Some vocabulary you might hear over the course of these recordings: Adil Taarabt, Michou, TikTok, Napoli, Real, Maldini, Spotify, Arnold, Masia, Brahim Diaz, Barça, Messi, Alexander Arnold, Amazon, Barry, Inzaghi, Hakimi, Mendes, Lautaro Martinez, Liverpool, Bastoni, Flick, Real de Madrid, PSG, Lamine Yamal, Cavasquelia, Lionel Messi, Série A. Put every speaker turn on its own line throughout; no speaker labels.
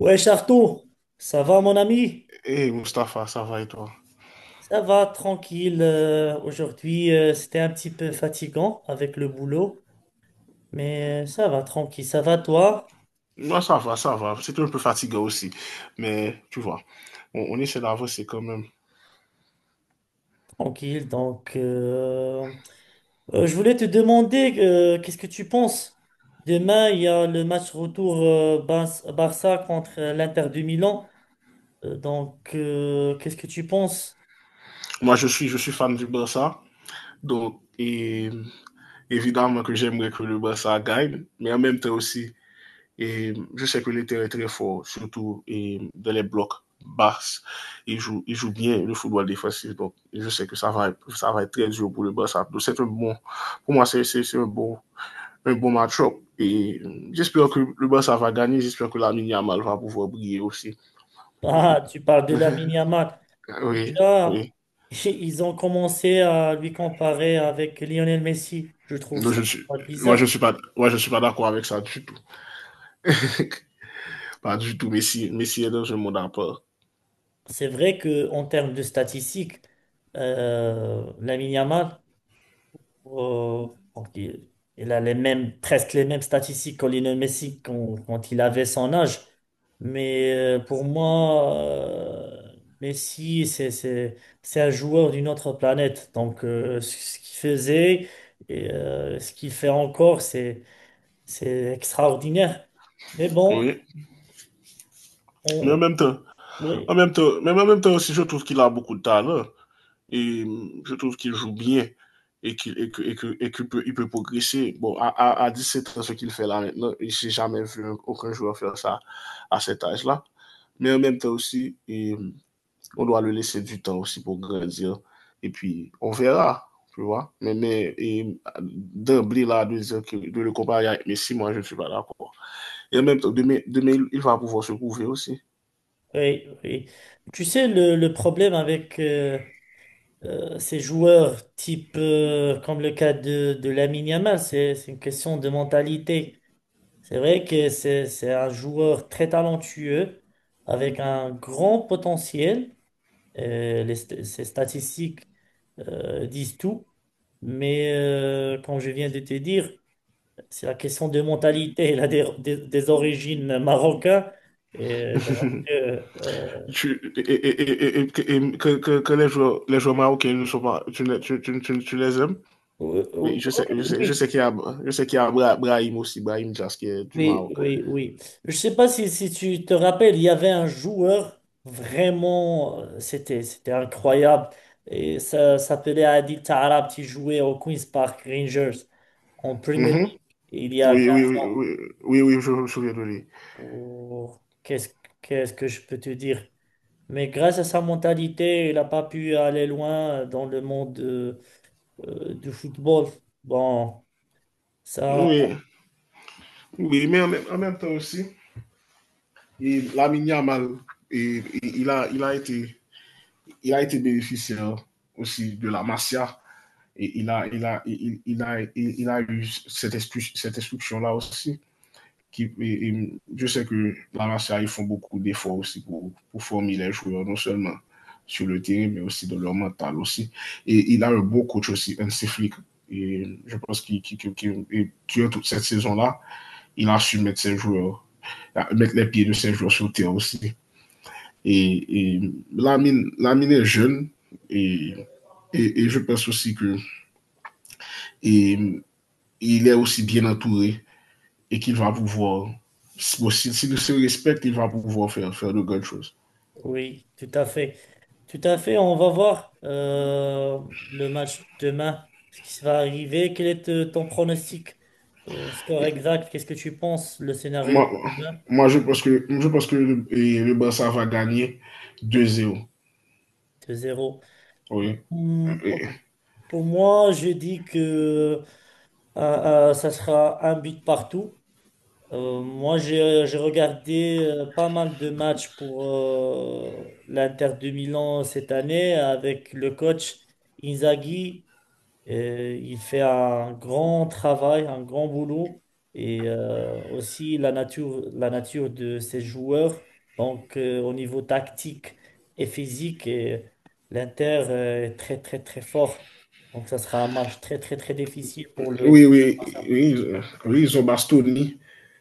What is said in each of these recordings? Ouais, Arthur, ça va mon ami?
Hey Mustapha, ça va et toi?
Ça va, tranquille. Aujourd'hui, c'était un petit peu fatigant avec le boulot, mais ça va, tranquille. Ça va, toi?
Moi, ça va, ça va. C'était un peu fatigué aussi. Mais tu vois, on essaie d'avancer quand même.
Tranquille. Je voulais te demander, qu'est-ce que tu penses? Demain, il y a le match retour Barça contre l'Inter de Milan. Qu'est-ce que tu penses?
Moi, je suis fan du Barça. Donc, et, évidemment que j'aimerais que le Barça gagne. Mais en même temps aussi, et, je sais que l'Inter est très fort, surtout et, dans les blocs bas. Il joue bien le football défensif. Donc, je sais que ça va être très dur pour le Barça. Donc, c'est un bon, pour moi, c'est un bon match-up. Et j'espère que le Barça va gagner. J'espère que la Yamal va pouvoir briller aussi. Et...
Ah, tu parles de la Yamal.
oui,
Déjà,
oui.
ils ont commencé à lui comparer avec Lionel Messi. Je trouve
Non,
ça
moi,
bizarre.
je ne suis pas, moi, je suis pas d'accord avec ça du tout. Pas du tout. Messi est dans un monde à part.
C'est vrai que en termes de statistiques, Lamine Yamal, euh, donc, il il a les mêmes, presque les mêmes statistiques que Lionel Messi quand, il avait son âge. Mais pour moi, Messi, c'est un joueur d'une autre planète. Ce qu'il faisait et ce qu'il fait encore, c'est... C'est extraordinaire. Mais bon,
Oui. Mais
on... Oui,
en même temps, mais en même temps aussi, je trouve qu'il a beaucoup de talent. Et je trouve qu'il joue bien et que, il peut progresser. Bon, à 17 ans, ce qu'il fait là maintenant, je n'ai jamais vu aucun joueur faire ça à cet âge-là. Mais en même temps aussi, et on doit le laisser du temps aussi pour grandir. Et puis, on verra, tu vois. Mais et d'emblée, là, de le comparer avec Messi, moi, je ne suis pas d'accord. Et en même temps, demain, va pouvoir se prouver aussi.
oui, oui. Tu sais, le problème avec ces joueurs type, comme le cas de, Lamine Yamal, c'est une question de mentalité. C'est vrai que c'est un joueur très talentueux, avec un grand potentiel. Ses statistiques disent tout. Mais comme je viens de te dire, c'est la question de mentalité, là, des origines marocaines. Et donc, euh, euh,
Tu- et, et- et- et- que, les joueurs marocains ne sont pas, tu, les- tu les aimes.
oui,
Et je
oui,
sais qu'il y a, je sais qu'il y a Brahim aussi, Brahim Diaz qui est du
oui,
Maroc.
oui, oui. Oui. Je sais pas si, si tu te rappelles, il y avait un joueur vraiment, c'était incroyable. Et ça s'appelait Adil Taarabt, qui jouait au Queen's Park Rangers en Premier League
Mhm.
il y a
Oui, oui,
15
oui,
ans.
oui, oui, oui, je me souviens de lui.
Oh, qu'est-ce que je peux te dire? Mais grâce à sa mentalité, il n'a pas pu aller loin dans le monde. Du football. Bon, ça,
Oui. Oui, mais en même temps aussi, Lamine Yamal, et, et, il, a, il, a été, il a été bénéficiaire aussi de la Masia. Et il a eu cette, cette instruction-là aussi. Qui, et je sais que la Masia, ils font beaucoup d'efforts aussi pour former les joueurs, non seulement sur le terrain, mais aussi dans leur mental aussi. Et il a un beau coach aussi, un Flick. Et je pense qu'il qu'il qui, toute cette saison-là, il a su mettre ses joueurs, mettre les pieds de ses joueurs sur le terrain aussi. Et Lamine est jeune et, et, je pense aussi que et, il est aussi bien entouré et qu'il va pouvoir, bon, si, s'il se respecte, il va pouvoir faire, faire de grandes choses.
oui, tout à fait. Tout à fait. On va voir le match demain, ce qui va arriver. Quel est ton pronostic? Score
Et
exact, qu'est-ce que tu penses? Le scénario
moi,
de demain,
moi, je pense que le Barça va gagner 2-0.
deux zéro.
Oui.
Hmm.
Oui,
Pour moi, je dis que ça sera un but partout. Moi, j'ai regardé pas mal de matchs pour l'Inter de Milan cette année avec le coach Inzaghi. Il fait un grand travail, un grand boulot et aussi la nature de ses joueurs. Au niveau tactique et physique, et l'Inter est très, très, très fort. Donc, ça sera un match très, très, très difficile pour le.
oui, oui, oui, ils ont Bastoni,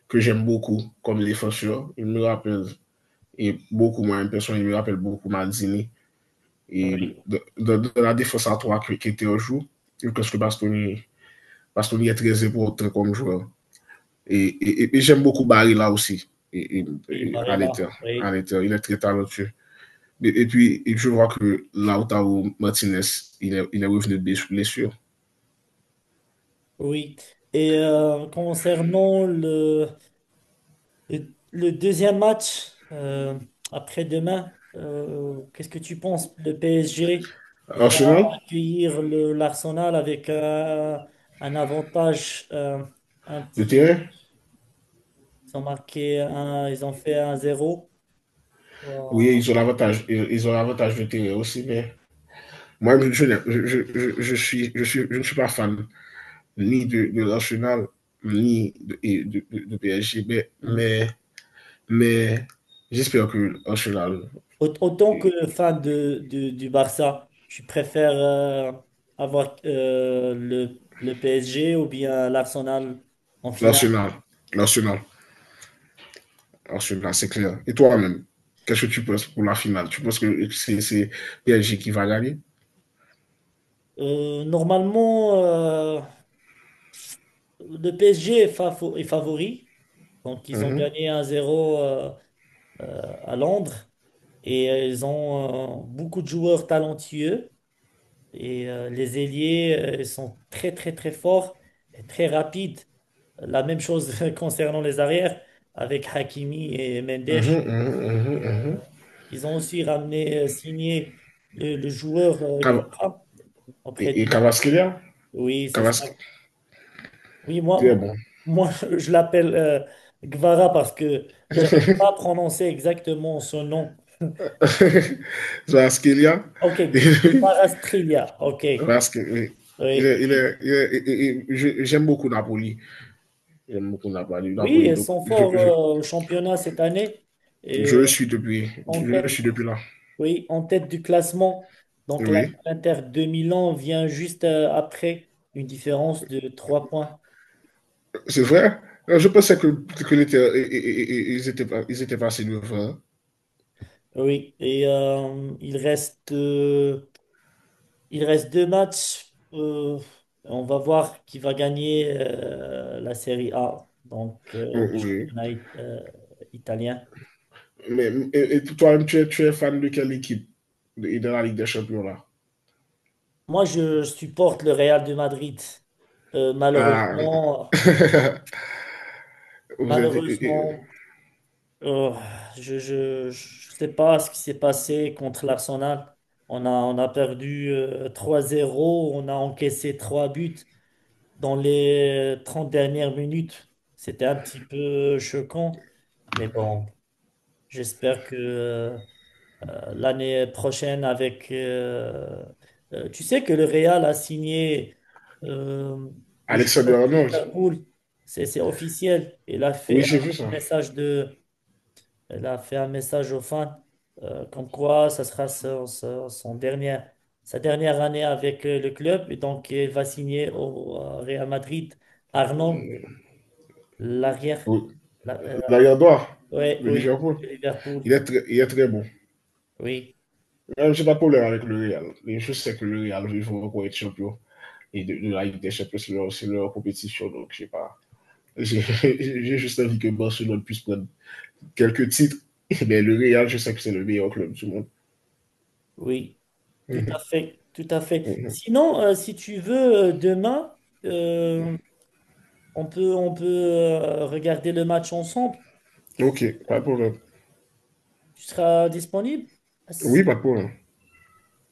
que j'aime beaucoup comme défenseur. Il me rappelle et beaucoup moins une personne, il me rappelle beaucoup Maldini, et
Oui,
de la défense à trois qui était au jour, je pense que Bastoni est très important comme joueur. Et j'aime beaucoup Barry là aussi,
oui,
et
Barella,
à
oui.
l'intérieur, il est très talentueux. Et puis, et je vois que Lautaro Martinez, il est revenu de blessure.
Oui. Et concernant le deuxième match après-demain, qu'est-ce que tu penses? Le PSG va
Arsenal,
accueillir le, l'Arsenal avec un avantage un
le
petit.
terrain,
Ils ont marqué un, ils ont fait un zéro. Euh,
oui, ils ont l'avantage de terrain aussi, mais moi, je ne suis pas fan ni de, de l'Arsenal, ni de, de PSG. Mais j'espère que
Autant que fan de, du Barça, tu préfères avoir le PSG ou bien l'Arsenal en finale?
l'Arsenal, l'Arsenal, l'Arsenal, c'est clair. Et toi-même, qu'est-ce que tu penses pour la finale? Tu penses que c'est PSG qui va gagner?
Normalement, le PSG est, est favori. Donc,
Mm
ils ont
-hmm,
gagné 1-0 euh, à Londres et ils ont beaucoup de joueurs talentueux. Et les ailiers ils sont très très très forts et très rapides. La même chose concernant les arrières avec Hakimi et Mendes.
mm -hmm, mm
Et,
-hmm,
euh, Ils ont aussi ramené, signé le joueur Guevara auprès
Et
de Napoli.
Cavasquelia.
Oui, c'est ça.
Cavasquelia,
Oui, moi, moi,
bon.
Moi, je l'appelle Guevara parce que j'arrive pas à prononcer exactement son nom.
Cavasquelia.
Ok,
il est,
Guevara Strilia. Ok.
il
Oui.
est, il est, il est, il est, j'aime beaucoup Napoli. Il y a mot qu'on n'a pas lu, la
Oui,
police.
elles
Donc,
sont forts au championnat cette année.
je le
Et
suis depuis.
en
Je le
tête,
suis depuis là.
oui, en tête du classement. Donc
Oui.
l'Inter de Milan vient juste après, une différence de 3 points.
C'est vrai. Je pensais que ils, étaient, pas- ils étaient passés devant.
Oui, et il reste, il reste 2 matchs. On va voir qui va gagner la Série A, le
Oui.
championnat italien.
Mais et toi-même, tu es fan de quelle équipe de la Ligue des Champions là?
Moi, je supporte le Real de Madrid.
Ah.
Malheureusement,
Vous êtes, et-
malheureusement, Euh, je sais pas ce qui s'est passé contre l'Arsenal. On a perdu 3-0, on a encaissé 3 buts dans les 30 dernières minutes. C'était un petit peu choquant, mais bon, j'espère que l'année prochaine avec... tu sais que le Real a signé euh, le
Alexander
joueur
Arnold.
Liverpool, c'est officiel. Il a
Oui,
fait
j'ai vu
un
ça.
message de elle a fait un message aux fans comme quoi ça sera son dernier, sa dernière année avec le club. Et donc, elle va signer au Real Madrid. Arnold, l'arrière.
Oui.
la- euh,
L'arrière droit
ouais,
de
oui,
Liverpool.
Liverpool.
Il est très bon.
Oui,
Même, j'ai pas de problème avec le Real. Mais je sais que le Real, il faut encore être champion. Et de la Ligue des Champions, c'est leur compétition. Donc, je sais pas. J'ai- j'ai juste envie que Barcelone puisse prendre quelques titres. Mais le Real, je sais que c'est le meilleur club du monde.
oui, tout à fait, tout à fait.
Mhm.
Sinon, si tu veux, demain, euh, on peut regarder le match ensemble. Si
Ok, pas de problème.
tu seras disponible?
Oui, pas de problème.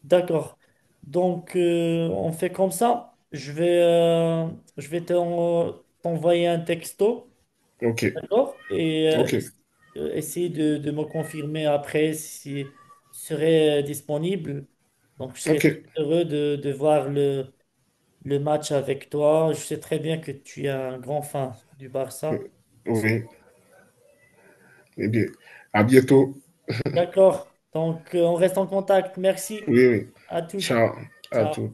D'accord. On fait comme ça. Je vais t'envoyer un texto,
Ok,
d'accord? Et
ok,
essayer de, me confirmer après si je serai disponible. Donc, je
ok.
serai très heureux de, voir le match avec toi. Je sais très bien que tu es un grand fan du Barça.
Oui, eh bien, à bientôt.
D'accord. On reste en contact. Merci
Oui, oui.
à toutes.
Ciao à tous.
Ciao.